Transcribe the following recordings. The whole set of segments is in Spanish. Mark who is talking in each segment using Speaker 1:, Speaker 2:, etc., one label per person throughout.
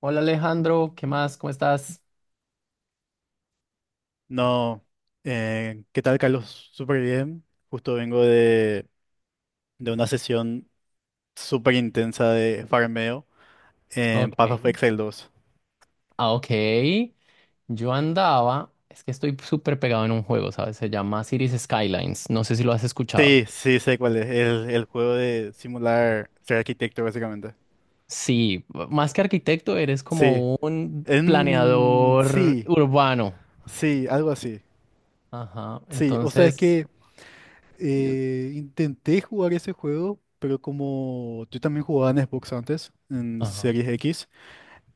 Speaker 1: Hola Alejandro, ¿qué más? ¿Cómo estás?
Speaker 2: No, ¿qué tal, Carlos? Súper bien. Justo vengo de una sesión súper intensa de farmeo en
Speaker 1: Ok,
Speaker 2: Path of Exile 2.
Speaker 1: ah, ok. Yo andaba, es que estoy súper pegado en un juego, ¿sabes? Se llama Cities Skylines. No sé si lo has escuchado.
Speaker 2: Sí, sí, sé cuál es. El juego de simular ser arquitecto, básicamente.
Speaker 1: Sí, más que arquitecto, eres
Speaker 2: Sí.
Speaker 1: como un
Speaker 2: En...
Speaker 1: planeador
Speaker 2: Sí,
Speaker 1: urbano.
Speaker 2: sí, algo así.
Speaker 1: Ajá,
Speaker 2: Sí, o sea, es
Speaker 1: entonces,
Speaker 2: que
Speaker 1: yo-
Speaker 2: intenté jugar ese juego, pero como yo también jugaba en Xbox antes, en
Speaker 1: ajá.
Speaker 2: Series X.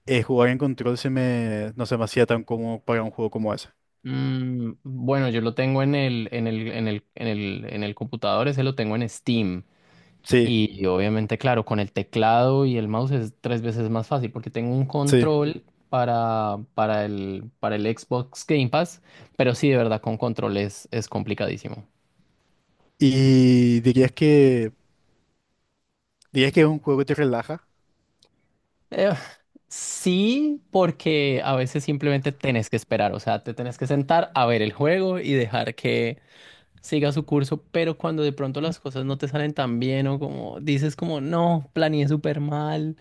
Speaker 2: Eh, jugar en control no se me hacía tan cómodo para un juego como ese.
Speaker 1: Bueno, yo lo tengo en el, en el, en el, en el, en el computador, ese lo tengo en Steam.
Speaker 2: Sí,
Speaker 1: Y obviamente, claro, con el teclado y el mouse es tres veces más fácil porque tengo un
Speaker 2: sí.
Speaker 1: control para, para el Xbox Game Pass, pero sí, de verdad, con control es complicadísimo.
Speaker 2: Y dirías que es un juego que te relaja.
Speaker 1: Eh, sí, porque a veces simplemente tenés que esperar, o sea, te tenés que sentar a ver el juego y dejar que siga su curso, pero cuando de pronto las cosas no te salen tan bien o como dices como, no, planeé súper mal,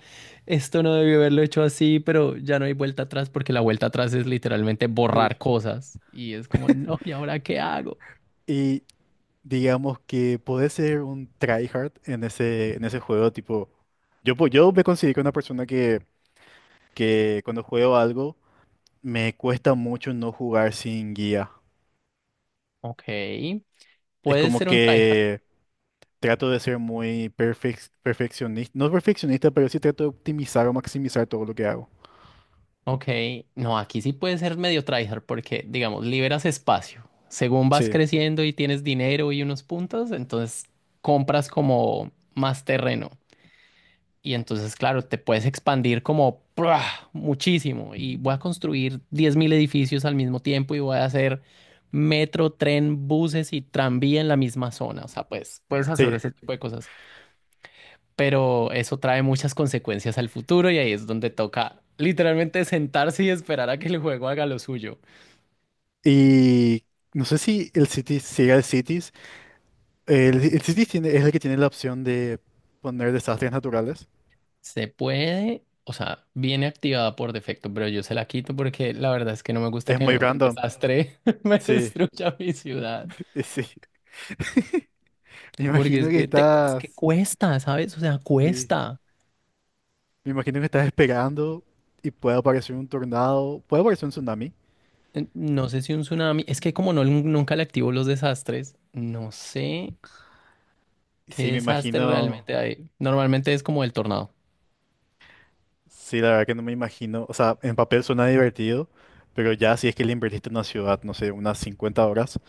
Speaker 1: esto no debió haberlo hecho así, pero ya no hay vuelta atrás porque la vuelta atrás es literalmente
Speaker 2: Sí.
Speaker 1: borrar cosas y es como, no, ¿y ahora qué hago?
Speaker 2: Y digamos que podés ser un tryhard en ese juego, tipo, yo, yo me considero una persona que cuando juego algo me cuesta mucho no jugar sin guía.
Speaker 1: Ok,
Speaker 2: Es
Speaker 1: puede
Speaker 2: como
Speaker 1: ser un tryhard.
Speaker 2: que trato de ser muy perfeccionista, no perfeccionista, pero sí trato de optimizar o maximizar todo lo que hago.
Speaker 1: Ok, no, aquí sí puede ser medio tryhard porque, digamos, liberas espacio. Según vas
Speaker 2: Sí,
Speaker 1: creciendo y tienes dinero y unos puntos, entonces compras como más terreno. Y entonces, claro, te puedes expandir como ¡prua! Muchísimo. Y voy a construir 10.000 edificios al mismo tiempo y voy a hacer metro, tren, buses y tranvía en la misma zona. O sea, pues puedes hacer
Speaker 2: sí.
Speaker 1: ese tipo de cosas. Pero eso trae muchas consecuencias al futuro y ahí es donde toca literalmente sentarse y esperar a que el juego haga lo suyo.
Speaker 2: Y no sé si el Cities sigue el Cities. El Cities es el que tiene la opción de poner desastres naturales.
Speaker 1: Se puede, o sea, viene activada por defecto, pero yo se la quito porque la verdad es que no me gusta
Speaker 2: Es
Speaker 1: que
Speaker 2: muy
Speaker 1: un
Speaker 2: random.
Speaker 1: desastre me
Speaker 2: Sí,
Speaker 1: destruya mi ciudad.
Speaker 2: sí. Me
Speaker 1: Porque
Speaker 2: imagino
Speaker 1: es
Speaker 2: que
Speaker 1: que, es que
Speaker 2: estás.
Speaker 1: cuesta, ¿sabes? O sea,
Speaker 2: Sí.
Speaker 1: cuesta.
Speaker 2: Me imagino que estás esperando y puede aparecer un tornado. Puede aparecer un tsunami.
Speaker 1: No sé si un tsunami, es que como no, nunca le activo los desastres, no sé qué
Speaker 2: Sí, me
Speaker 1: desastre
Speaker 2: imagino.
Speaker 1: realmente hay. Normalmente es como el tornado.
Speaker 2: Sí, la verdad que no me imagino. O sea, en papel suena divertido, pero ya si es que le invertiste en una ciudad, no sé, unas 50 horas.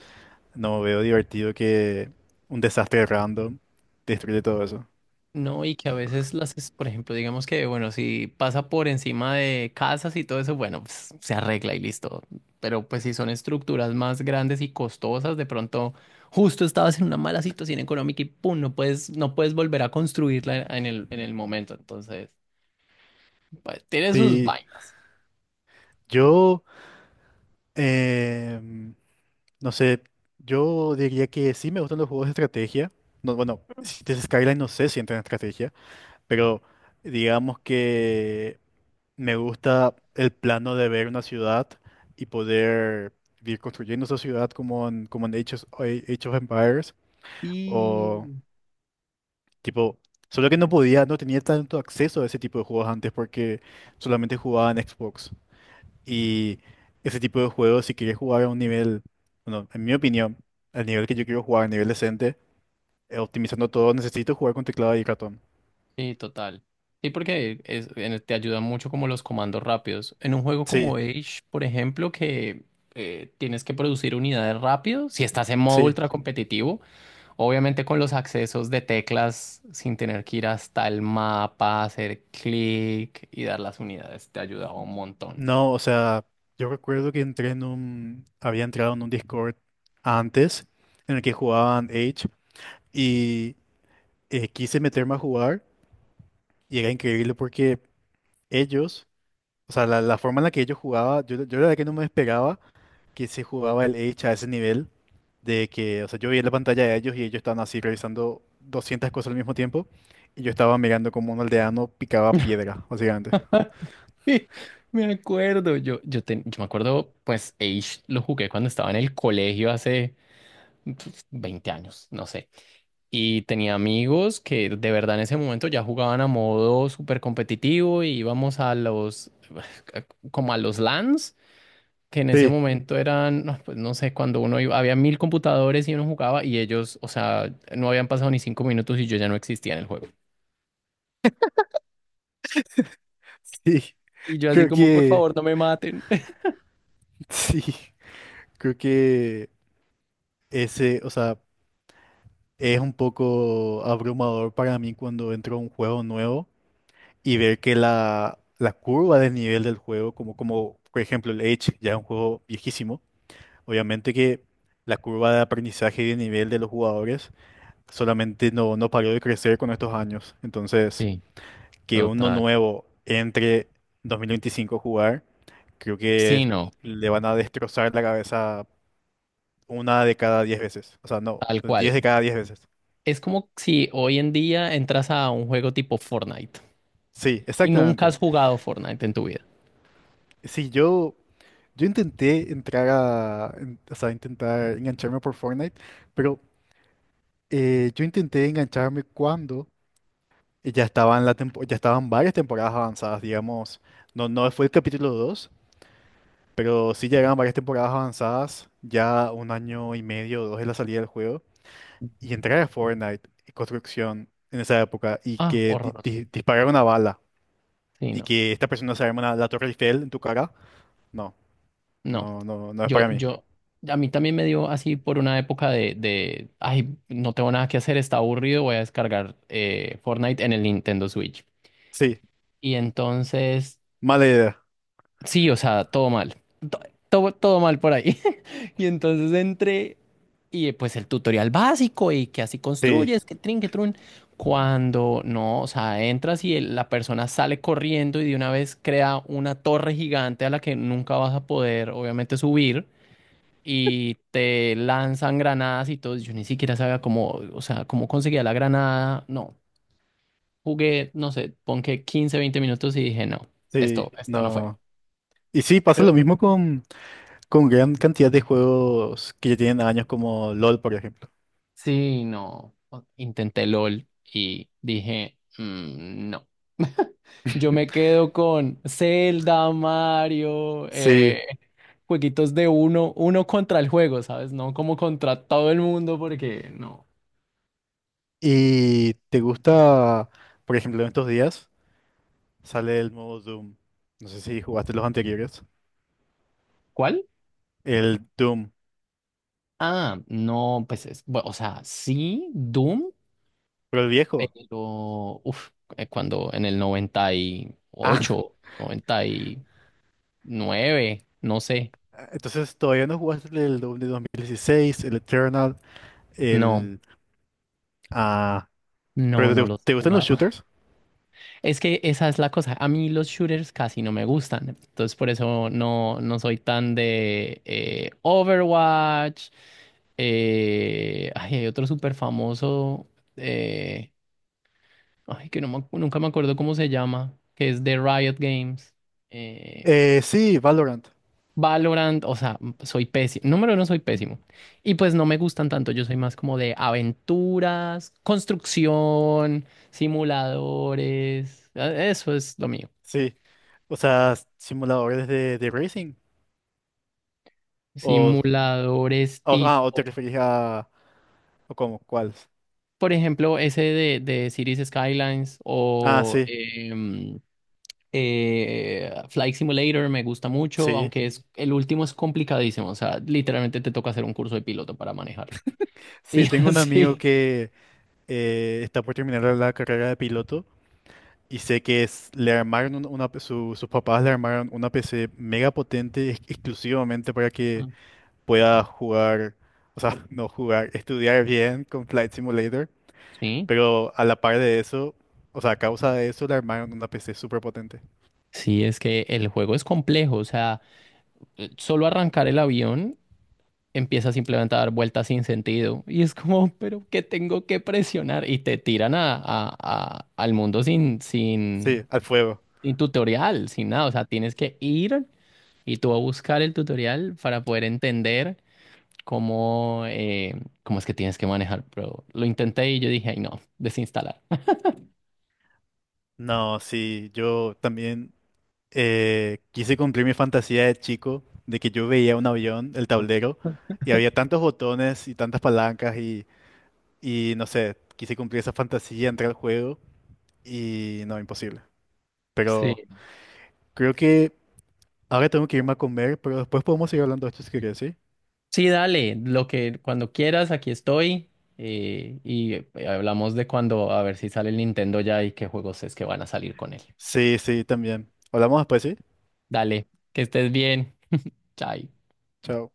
Speaker 2: No veo divertido que un desastre random destruye todo eso.
Speaker 1: No, y que a veces las, por ejemplo, digamos que, bueno, si pasa por encima de casas y todo eso, bueno, pues, se arregla y listo. Pero pues si son estructuras más grandes y costosas, de pronto justo estabas en una mala situación económica y pum, no puedes volver a construirla en el momento. Entonces. Pues, tiene sus
Speaker 2: Sí,
Speaker 1: vainas.
Speaker 2: yo, em, no sé, yo diría que sí me gustan los juegos de estrategia. No, bueno, Cities Skyline no sé si entra en estrategia, pero digamos que me gusta el plano de ver una ciudad y poder ir construyendo esa ciudad como como en Age of Empires.
Speaker 1: Y
Speaker 2: Tipo, solo que no podía, no tenía tanto acceso a ese tipo de juegos antes porque solamente jugaba en Xbox. Y ese tipo de juegos, si quería jugar a un nivel, bueno, en mi opinión, al nivel que yo quiero jugar, a nivel decente, optimizando todo, necesito jugar con teclado y ratón.
Speaker 1: Sí, total. Sí, porque te ayudan mucho como los comandos rápidos. En un juego
Speaker 2: Sí,
Speaker 1: como Age, por ejemplo, que tienes que producir unidades rápido, si estás en modo
Speaker 2: sí.
Speaker 1: ultra competitivo, obviamente con los accesos de teclas, sin tener que ir hasta el mapa, hacer clic y dar las unidades, te ayudaba un montón.
Speaker 2: No, o sea, yo recuerdo que había entrado en un Discord antes en el que jugaban Age y quise meterme a jugar y era increíble porque ellos... O sea, la forma en la que ellos jugaba, yo la verdad que no me esperaba que se jugaba el Age a ese nivel, de que, o sea, yo veía la pantalla de ellos y ellos estaban así revisando 200 cosas al mismo tiempo, y yo estaba mirando como un aldeano picaba piedra, básicamente.
Speaker 1: Me acuerdo, yo me acuerdo, pues Age lo jugué cuando estaba en el colegio hace pues, 20 años, no sé. Y tenía amigos que de verdad en ese momento ya jugaban a modo súper competitivo y íbamos a los, como a los LANs, que en ese
Speaker 2: Sí,
Speaker 1: momento eran, no, pues no sé, cuando uno iba, había mil computadores y uno jugaba y ellos, o sea, no habían pasado ni 5 minutos y yo ya no existía en el juego.
Speaker 2: sí,
Speaker 1: Y yo así
Speaker 2: creo
Speaker 1: como, por
Speaker 2: que,
Speaker 1: favor, no me maten.
Speaker 2: sí, creo que ese, o sea, es un poco abrumador para mí cuando entro a un juego nuevo y ver que la curva del nivel del juego, como por ejemplo el Age, ya es un juego viejísimo. Obviamente que la curva de aprendizaje y de nivel de los jugadores solamente no paró de crecer con estos años. Entonces,
Speaker 1: Sí,
Speaker 2: que uno
Speaker 1: total.
Speaker 2: nuevo entre 2025 a jugar, creo
Speaker 1: Sí,
Speaker 2: que
Speaker 1: no,
Speaker 2: le van a destrozar la cabeza una de cada 10 veces. O sea, no,
Speaker 1: tal
Speaker 2: diez
Speaker 1: cual.
Speaker 2: de cada diez veces.
Speaker 1: Es como si hoy en día entras a un juego tipo Fortnite
Speaker 2: Sí,
Speaker 1: y nunca
Speaker 2: exactamente.
Speaker 1: has jugado Fortnite en tu vida.
Speaker 2: Sí, yo intenté o sea, intentar engancharme por Fortnite, pero yo intenté engancharme cuando... Y ya estaban, ya estaban varias temporadas avanzadas, digamos. No, no fue el capítulo 2, pero sí llegaban varias temporadas avanzadas, ya un año y medio o dos de la salida del juego.
Speaker 1: Ujú.
Speaker 2: Y entrar a Fortnite y construcción en esa época y
Speaker 1: Ah,
Speaker 2: que
Speaker 1: horroroso.
Speaker 2: disparar una bala
Speaker 1: Sí,
Speaker 2: y
Speaker 1: no.
Speaker 2: que esta persona se arma la Torre Eiffel en tu cara, no,
Speaker 1: No.
Speaker 2: no es
Speaker 1: Yo,
Speaker 2: para mí.
Speaker 1: yo, a mí también me dio así por una época de, ay, no tengo nada que hacer, está aburrido, voy a descargar Fortnite en el Nintendo Switch.
Speaker 2: Sí,
Speaker 1: Y entonces,
Speaker 2: mala idea.
Speaker 1: sí, o sea, todo mal. Todo mal por ahí. Y entonces entré y pues el tutorial básico y que así
Speaker 2: Sí,
Speaker 1: construyes, que trin, que trun. Cuando no, o sea, entras y la persona sale corriendo y de una vez crea una torre gigante a la que nunca vas a poder, obviamente, subir. Y te lanzan granadas y todo. Yo ni siquiera sabía cómo, o sea, cómo conseguía la granada. No, jugué, no sé, pon que 15, 20 minutos y dije, no, esto,
Speaker 2: sí,
Speaker 1: esto no fue.
Speaker 2: no. Y sí, pasa lo
Speaker 1: Creo,
Speaker 2: mismo con gran cantidad de juegos que ya tienen años como LOL, por ejemplo.
Speaker 1: Sí, no. Intenté LOL y dije, "Mm, no. Yo me quedo con Zelda, Mario,
Speaker 2: Sí,
Speaker 1: jueguitos de uno, uno contra el juego, ¿sabes? No como contra todo el mundo, porque no.
Speaker 2: ¿y te gusta, por ejemplo, en estos días sale el nuevo Doom? No sé si jugaste los anteriores.
Speaker 1: ¿Cuál?
Speaker 2: El Doom,
Speaker 1: Ah, no, pues es, bueno, o sea, sí, Doom,
Speaker 2: pero el viejo.
Speaker 1: pero uf, cuando en el noventa noventa y
Speaker 2: Ah,
Speaker 1: ocho, noventa y nueve, no sé.
Speaker 2: entonces todavía no jugaste el Doom de 2016, el Eternal,
Speaker 1: No,
Speaker 2: el... Ah,
Speaker 1: no,
Speaker 2: ¿pero te,
Speaker 1: no los he
Speaker 2: te gustan los
Speaker 1: jugado.
Speaker 2: shooters?
Speaker 1: Es que esa es la cosa. A mí los shooters casi no me gustan. Entonces por eso no soy tan de Overwatch. Ay, hay otro súper famoso. eh, Ay, que no me nunca me acuerdo cómo se llama. Que es de Riot Games. eh,
Speaker 2: Sí, Valorant,
Speaker 1: Valorant. O sea, soy pésimo. Número uno, soy pésimo. Y pues no me gustan tanto. Yo soy más como de aventuras, construcción, simuladores. Eso es lo mío.
Speaker 2: sí. O sea, simuladores de racing. O,
Speaker 1: Simuladores
Speaker 2: ah, ¿o te
Speaker 1: tipo,
Speaker 2: referís a... ¿O cómo? ¿Cuáles?
Speaker 1: por ejemplo, ese de Cities Skylines
Speaker 2: Ah,
Speaker 1: o
Speaker 2: sí,
Speaker 1: Flight Simulator me gusta mucho,
Speaker 2: sí.
Speaker 1: aunque es, el último es complicadísimo. O sea, literalmente te toca hacer un curso de piloto para manejarlo.
Speaker 2: Sí,
Speaker 1: Y
Speaker 2: tengo un amigo
Speaker 1: así.
Speaker 2: está por terminar la carrera de piloto y sé que es, le armaron sus papás le armaron una PC mega potente exclusivamente para que
Speaker 1: Ah,
Speaker 2: pueda jugar, o sea, no jugar, estudiar bien con Flight Simulator,
Speaker 1: sí.
Speaker 2: pero a la par de eso, o sea, a causa de eso le armaron una PC súper potente.
Speaker 1: Sí, es que el juego es complejo. O sea, solo arrancar el avión empieza simplemente a dar vueltas sin sentido. Y es como, pero ¿qué tengo que presionar? Y te tiran a, al mundo sin, sin
Speaker 2: Sí, al fuego.
Speaker 1: Y tutorial, sin nada, o sea, tienes que ir y tú a buscar el tutorial para poder entender cómo, eh, cómo es que tienes que manejar. Pero lo intenté y yo dije, ay, no, desinstalar.
Speaker 2: No, sí, yo también quise cumplir mi fantasía de chico, de que yo veía un avión, el tablero, y había tantos botones y tantas palancas y... Y no sé, quise cumplir esa fantasía, entrar al juego y no, imposible.
Speaker 1: Sí.
Speaker 2: Pero creo que ahora tengo que irme a comer, pero después podemos seguir hablando de esto si querés, ¿sí?
Speaker 1: Sí, dale, lo que cuando quieras, aquí estoy. Y hablamos de cuando, a ver si sale el Nintendo ya y qué juegos es que van a salir con él.
Speaker 2: Sí, sí, también. Hablamos después, ¿sí?
Speaker 1: Dale, que estés bien. Chai.
Speaker 2: Chao.